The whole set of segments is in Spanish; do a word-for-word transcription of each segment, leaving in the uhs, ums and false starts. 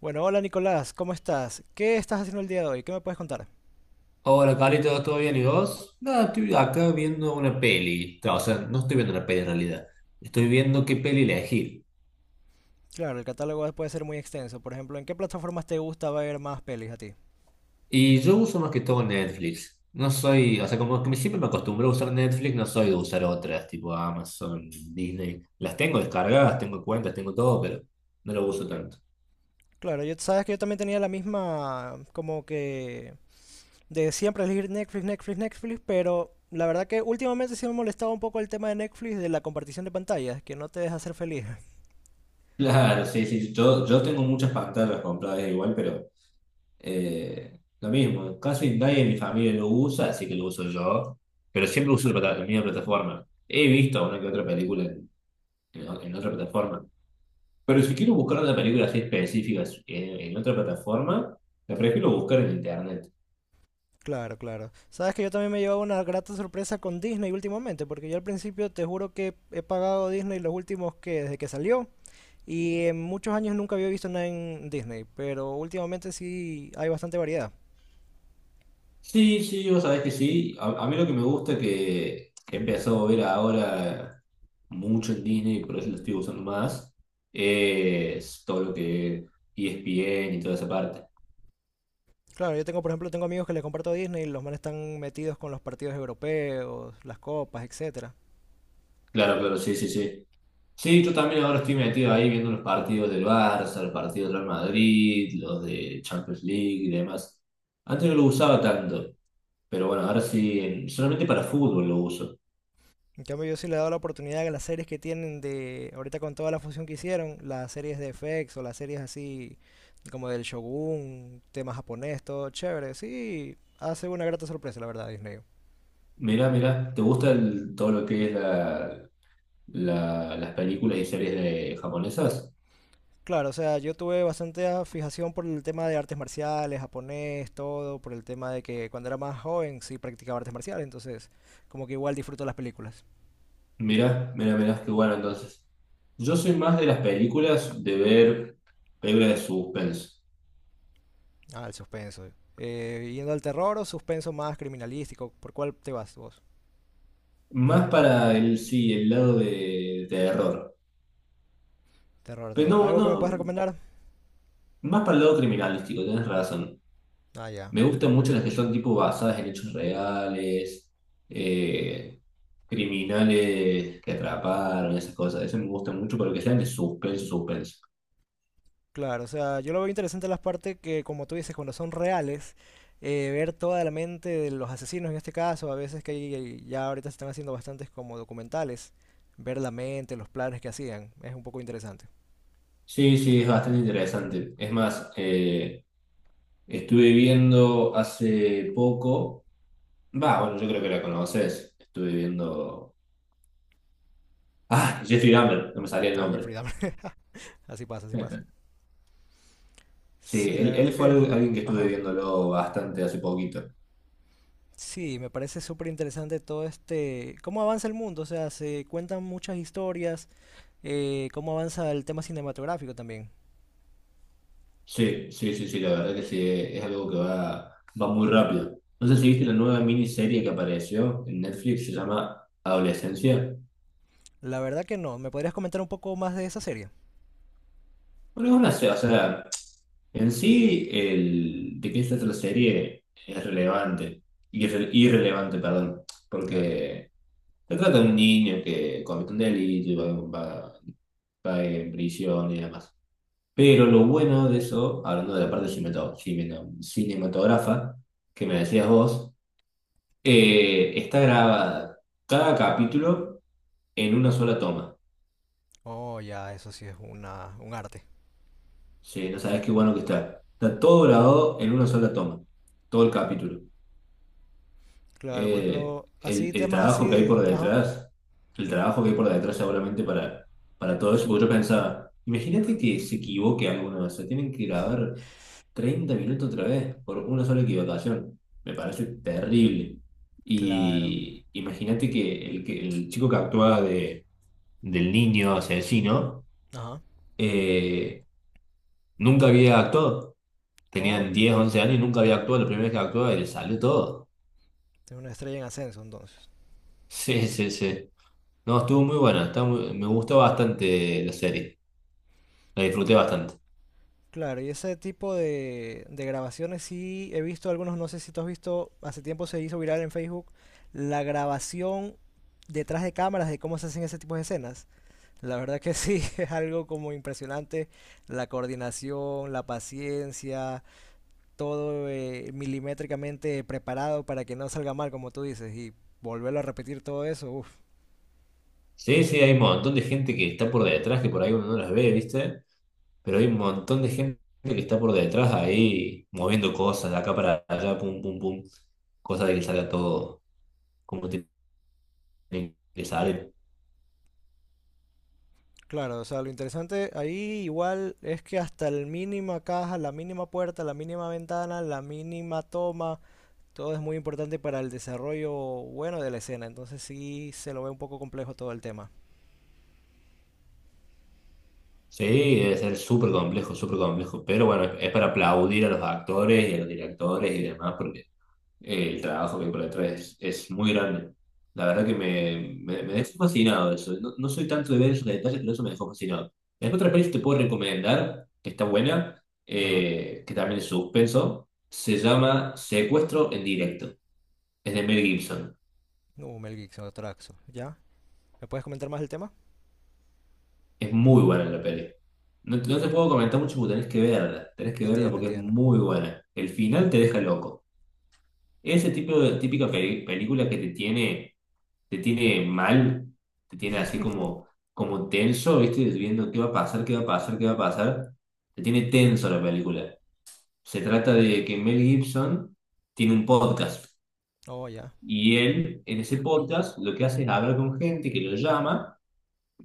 Bueno, hola Nicolás, ¿cómo estás? ¿Qué estás haciendo el día de hoy? ¿Qué me puedes contar? Hola, Carlitos, ¿todo bien? ¿Y vos? Nada, estoy acá viendo una peli. No, o sea, no estoy viendo una peli en realidad. Estoy viendo qué peli elegir. Claro, el catálogo puede ser muy extenso. Por ejemplo, ¿en qué plataformas te gusta ver más pelis a ti? Y yo uso más que todo Netflix. No soy, o sea, como que me- siempre me acostumbro a usar Netflix, no soy de usar otras, tipo Amazon, Disney. Las tengo descargadas, tengo cuentas, tengo todo, pero no lo uso tanto. Claro, yo sabes que yo también tenía la misma, como que de siempre elegir Netflix, Netflix, Netflix, pero la verdad que últimamente sí me molestaba un poco el tema de Netflix de la compartición de pantallas, que no te deja ser feliz. Claro, sí, sí. Yo, yo tengo muchas pantallas compradas igual, pero Eh, lo mismo, casi nadie en mi familia lo usa, así que lo uso yo, pero siempre uso la, plata- la misma plataforma. He visto una que otra película en, en o- en otra plataforma, pero si quiero buscar una película así específica en, en otra plataforma, la prefiero buscar en internet. Claro, claro. Sabes que yo también me he llevado una grata sorpresa con Disney últimamente, porque yo al principio te juro que he pagado Disney los últimos que desde que salió. Y en muchos años nunca había visto nada en Disney, pero últimamente sí hay bastante variedad. Sí, sí, vos sabés que sí. A, a mí lo que me gusta que he empezado a ver ahora mucho en Disney, por eso lo estoy usando más, es todo lo que es E S P N y toda esa parte. Claro, yo tengo, por ejemplo, tengo amigos que les comparto Disney y los manes están metidos con los partidos europeos, las copas, etcétera. Claro, claro, sí, sí, sí. Sí, yo también ahora estoy metido ahí viendo los partidos del Barça, los partidos del Real Madrid, los de Champions League y demás. Antes no lo usaba tanto, pero bueno, ahora sí, en- solamente para fútbol lo uso. En cambio, yo sí le he dado la oportunidad a las series que tienen de, ahorita con toda la fusión que hicieron, las series de F X o las series así como del Shogun, tema japonés, todo chévere. Sí, hace una grata sorpresa, la verdad, Disney. Mirá, mirá, ¿te gusta el- todo lo que es la, la- las películas y series de japonesas? Claro, o sea, yo tuve bastante ah, fijación por el tema de artes marciales, japonés, todo, por el tema de que cuando era más joven sí practicaba artes marciales, entonces como que igual disfruto las películas. Mirá, mirá, mirá, qué bueno entonces. Yo soy más de las películas, de ver películas de suspense. Ah, el suspenso. Eh, yendo al terror o suspenso más criminalístico, ¿por cuál te vas vos? Más para el, sí, el lado de, de terror. Terror, Pero terror. no, ¿Algo que no, me puedas recomendar? más para el lado criminalístico, tienes razón. Ah, ya. Me gustan mucho las que son tipo basadas en hechos reales, eh, criminales que atraparon, esas cosas. Eso me gusta mucho, pero que sean de suspenso, suspenso. Claro, o sea, yo lo veo interesante las partes que, como tú dices, cuando son reales, eh, ver toda la mente de los asesinos en este caso, a veces que hay- ya ahorita se están haciendo bastantes como documentales, ver la mente, los planes que hacían, es un poco interesante. Sí, sí, es bastante interesante. Es más, eh, estuve viendo hace poco, va, bueno, yo creo que la conoces. Estuve viendo... Ah, Jeffrey Dahmer, no me salía el Ah, nombre. Jeffrey Dahmer. Así pasa, así pasa. Sí, Sí, la él, él verdad fue que... al- alguien que estuve Ajá. viéndolo bastante hace poquito. Sí, me parece súper interesante todo este cómo avanza el mundo, o sea, se cuentan muchas historias, eh, cómo avanza el tema cinematográfico también. Sí, sí, sí, sí, la verdad que sí, es algo que va, va muy rápido. No sé si viste la nueva miniserie que apareció en Netflix, se llama Adolescencia. La verdad que no, ¿me podrías comentar un poco más de esa serie? Bueno, es una, se- o sea, en sí, el, de qué se trata la serie es relevante, irre- irrelevante, perdón, Claro. porque se trata de un niño que comete un delito y va, va- va en prisión y demás. Pero lo bueno de eso, hablando de la parte cinematográfica, que me decías vos, Ajá. Eh, está grabada cada capítulo en una sola toma. Oh, ya, eso sí es una, un arte. Sí, no sabes qué bueno que está. Está todo grabado en una sola toma, todo el capítulo. Claro, por Eh, ejemplo, el, así, el temas así trabajo que hay por de... Ajá. detrás, el trabajo que hay por detrás seguramente para, para todo eso, porque yo pensaba, imagínate que se equivoque alguno vez, se tienen que grabar treinta minutos otra vez por una sola equivocación. Me parece terrible. Claro. Y imagínate que el, que el chico que actúa de del niño asesino, Ajá. eh, nunca había actuado. Tenían Oh. diez once años y nunca había actuado. La primera vez que actuó y le salió todo. Es una estrella en ascenso, entonces. Sí, sí, sí. No, estuvo muy buena. está muy- me gustó bastante la serie. La disfruté bastante. Claro, y ese tipo de, de grabaciones sí he visto algunos, no sé si tú has visto, hace tiempo se hizo viral en Facebook, la grabación detrás de cámaras de cómo se hacen ese tipo de escenas. La verdad que sí, es algo como impresionante, la coordinación, la paciencia, todo eh, milimétricamente preparado para que no salga mal, como tú dices, y volverlo a repetir todo eso, uff. Sí, sí, hay un montón de gente que está por detrás, que por ahí uno no las ve, ¿viste? Pero hay un montón de gente que está por detrás ahí moviendo cosas de acá para allá, pum, pum, pum. Cosa de que salga todo como tiene que salir. Claro, o sea, lo interesante ahí igual es que hasta la mínima caja, la mínima puerta, la mínima ventana, la mínima toma, todo es muy importante para el desarrollo bueno de la escena, entonces sí se lo ve un poco complejo todo el tema. Sí, debe ser súper complejo, súper complejo. Pero bueno, es para aplaudir a los actores y a los directores y demás, porque eh, el trabajo que hay por detrás es, es muy grande. La verdad que me, me, me dejó fascinado eso. No, no soy tanto de ver esos detalles, pero eso me dejó fascinado. Después otra peli que te puedo recomendar, que está buena, Ajá, eh, que también es suspenso, se llama Secuestro en directo. Es de Mel Gibson. no, Mel Gibson, Traxo, ¿ya? ¿Me puedes comentar más el tema? Es muy buena la peli. No, no te puedo comentar mucho porque tenés que verla. Tenés que verla Entiendo, porque es entiendo. muy buena. El final te deja loco. Ese tipo de típica peli- película que te tiene, te tiene mal, te tiene así como, como tenso, ¿viste? Viendo qué va a pasar, qué va a pasar, qué va a pasar. Te tiene tenso la película. Se trata de que Mel Gibson tiene un podcast. Oh, ya, Y él, en ese podcast, lo que hace es hablar con gente que lo llama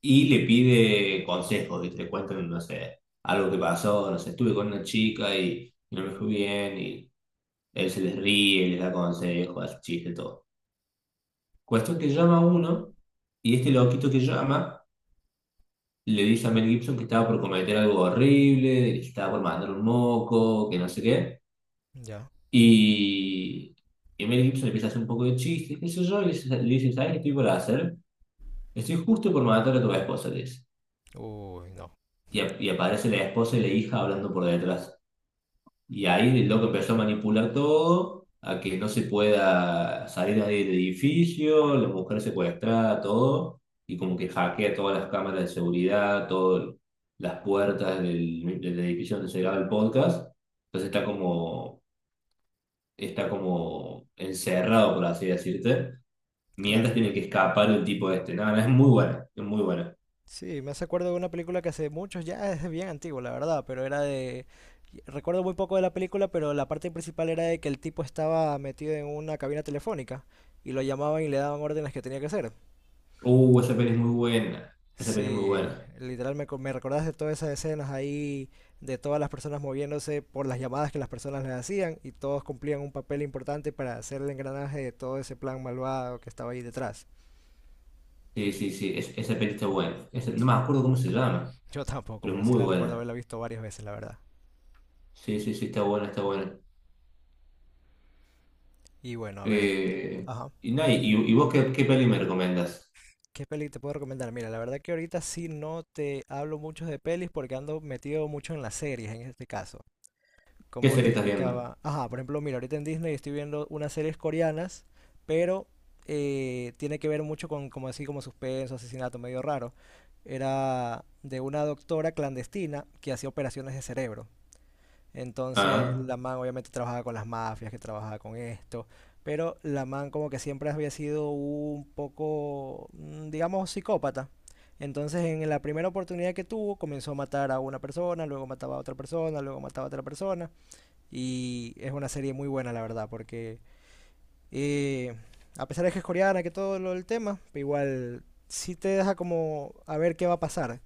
y le pide consejos, ¿viste? Le cuentan, no sé, algo que pasó, no sé, estuve con una chica y no me fue bien, y él se les ríe, les da consejos, hace chiste, todo. Cuestión que llama uno, y este loquito que llama le dice a Mel Gibson que estaba por cometer algo horrible, que estaba por mandar un moco, que no sé qué, ya. y, y Mel Gibson empieza a hacer un poco de chiste, qué sé yo, y le dice, le dice, ¿sabes qué estoy por hacer? Estoy justo por matar a tu esposa, le dice. Uy, no. Y, ap- y aparece la esposa y la hija hablando por detrás. Y ahí el loco empezó a manipular todo, a que no se pueda salir nadie del edificio, la mujer secuestrada, todo, y como que hackea todas las cámaras de seguridad, todas las puertas del, del edificio donde se graba el podcast. Entonces está como, está como encerrado, por así decirte, mientras Claro, tiene claro. que escapar el tipo este. Nada, es muy buena, es muy buena. Sí, me hace acuerdo de una película que hace muchos, ya es bien antigua, la verdad, pero era de... Recuerdo muy poco de la película, pero la parte principal era de que el tipo estaba metido en una cabina telefónica y lo llamaban y le daban órdenes que tenía que hacer. Uh, esa peli es muy buena, esa peli es muy Sí, buena. literal me, co- me recordaste todas esas escenas ahí de todas las personas moviéndose por las llamadas que las personas les hacían y todos cumplían un papel importante para hacer el engranaje de todo ese plan malvado que estaba ahí detrás. Sí, sí, sí, es- esa peli está buena. Esa- no me acuerdo cómo se llama. Yo tampoco, Pero pero sí muy la recuerdo buena. haberla visto varias veces, la verdad. Sí, sí, sí, está buena, está buena. Y bueno, a ver. Eh, Ajá. y, nada, y, y vos qué, qué peli me recomendás? ¿Qué peli te puedo recomendar? Mira, la verdad que ahorita sí no te hablo mucho de pelis porque ando metido mucho en las series en este caso. ¿Qué Como serie te estás viendo? indicaba. Ajá, por ejemplo, mira, ahorita en Disney estoy viendo unas series coreanas, pero eh, tiene que ver mucho con como así como suspenso, asesinato, medio raro. Era de una doctora clandestina que hacía operaciones de cerebro. Entonces Ah, la man obviamente trabajaba con las mafias, que trabajaba con esto, pero la man como que siempre había sido un poco, mm, digamos, psicópata. Entonces en la primera oportunidad que tuvo comenzó a matar a una persona, luego mataba a otra persona, luego mataba a otra persona. Y es una serie muy buena, la verdad, porque eh, a pesar de que es coreana, que todo lo del tema, pero igual sí te deja como a ver qué va a pasar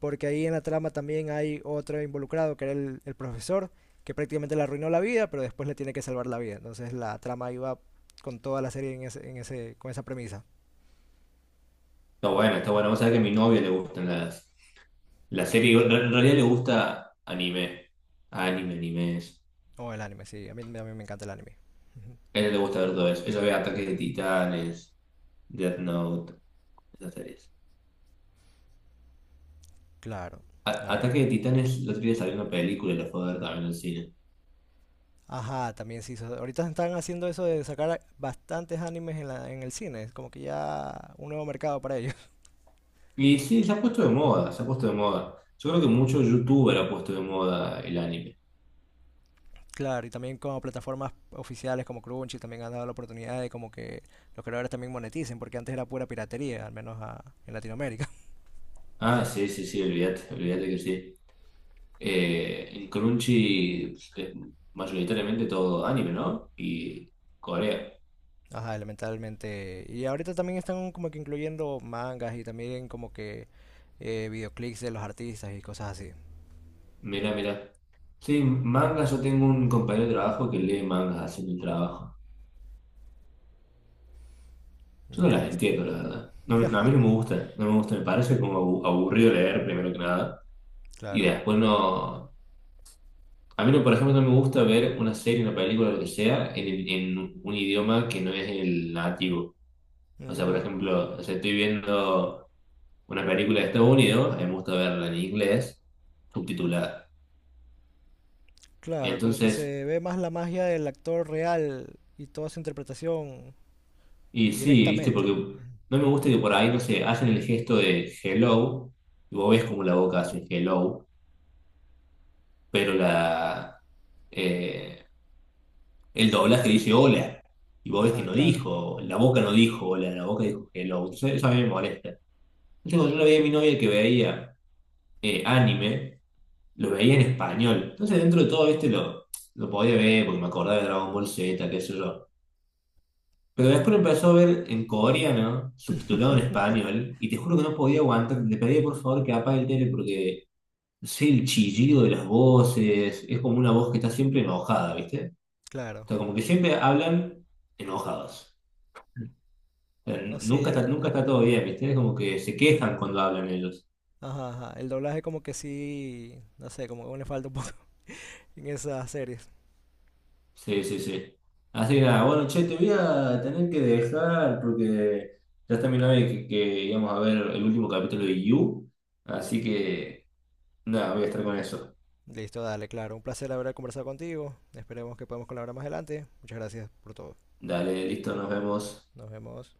porque ahí en la trama también hay otro involucrado, que era el, el profesor, que prácticamente le arruinó la vida, pero después le tiene que salvar la vida. Entonces la trama iba con toda la serie en ese, en ese, con esa premisa. está buena, está buena. Vos sabés que a mi novia le gustan las, las series. En realidad le gusta anime. Anime, animes. O el anime, sí, a mí, a mí me encanta el anime. A ella le gusta ver todo eso. Ella ve Ataque de Titanes, Death Note, esas series. Claro, A- a ver. Ataque de Titanes, el otro día salió una película y la fue a ver también en el cine. Ajá, también sí. Ahorita están haciendo eso de sacar bastantes animes en, la, en el cine. Es como que ya un nuevo mercado para ellos. Y sí, se ha puesto de moda, se ha puesto de moda. Yo creo que mucho youtuber ha puesto de moda el anime. Claro, y también como plataformas oficiales como Crunchy también han dado la oportunidad de como que los creadores también moneticen, porque antes era pura piratería, al menos a, en Latinoamérica. Ah, sí, sí, sí, olvídate, olvídate que sí. Eh, en Crunchy pues, es mayoritariamente todo anime, ¿no? Y Corea. Ajá, elementalmente. Y ahorita también están como que incluyendo mangas y también como que eh, videoclips de los artistas y cosas así. Mira, mira. Sí, mangas, yo tengo un compañero de trabajo que lee mangas haciendo el trabajo. Yo no Ya las listo. entiendo, la verdad. No, no, a mí no me gusta, no me gusta, me parece como abu- aburrido leer primero que nada. Y Claro. después no... A mí, no, por ejemplo, no me gusta ver una serie, una película, lo que sea, en, el- en un idioma que no es el nativo. O sea, por Mm, ejemplo, o sea, estoy viendo... una película de Estados Unidos, a mí me gusta verla en inglés, subtitulada. claro, como que Entonces, se ve más la magia del actor real y toda su interpretación y sí, viste, directamente. porque no me gusta que por ahí, no sé, hacen el gesto de hello, y vos ves como la boca hace hello, pero la, eh, el doblaje dice hola, y Ujú. vos ves que Ajá, no claro. dijo, la boca no dijo hola, la boca dijo hello. Entonces, eso a mí me molesta. Entonces, cuando yo la veía a mi novia que veía eh, anime, lo veía en español. Entonces, dentro de todo, viste, lo, lo podía ver porque me acordaba de Dragon Ball zeta, qué sé yo. Pero después empezó a ver en coreano, subtitulado en español, y te juro que no podía aguantar. Le pedí por favor que apague el tele porque sé el chillido de las voces, es como una voz que está siempre enojada, ¿viste? O Claro. sea, como que siempre hablan enojados. O sea, No n- nunca sé, está, nunca el, está todo bien, ¿viste? Es como que se quejan cuando hablan ellos. ajá, ajá, el doblaje como que sí, no sé, como que aún le falta un poco en esas series. Sí, sí, sí. Así que nada, bueno, che, te voy a tener que dejar porque ya está mi novia que, que íbamos a ver el último capítulo de You, así que nada, voy a estar con eso. Listo, dale, claro. Un placer haber conversado contigo. Esperemos que podamos colaborar más adelante. Muchas gracias por todo. Dale, listo, nos vemos. Nos vemos.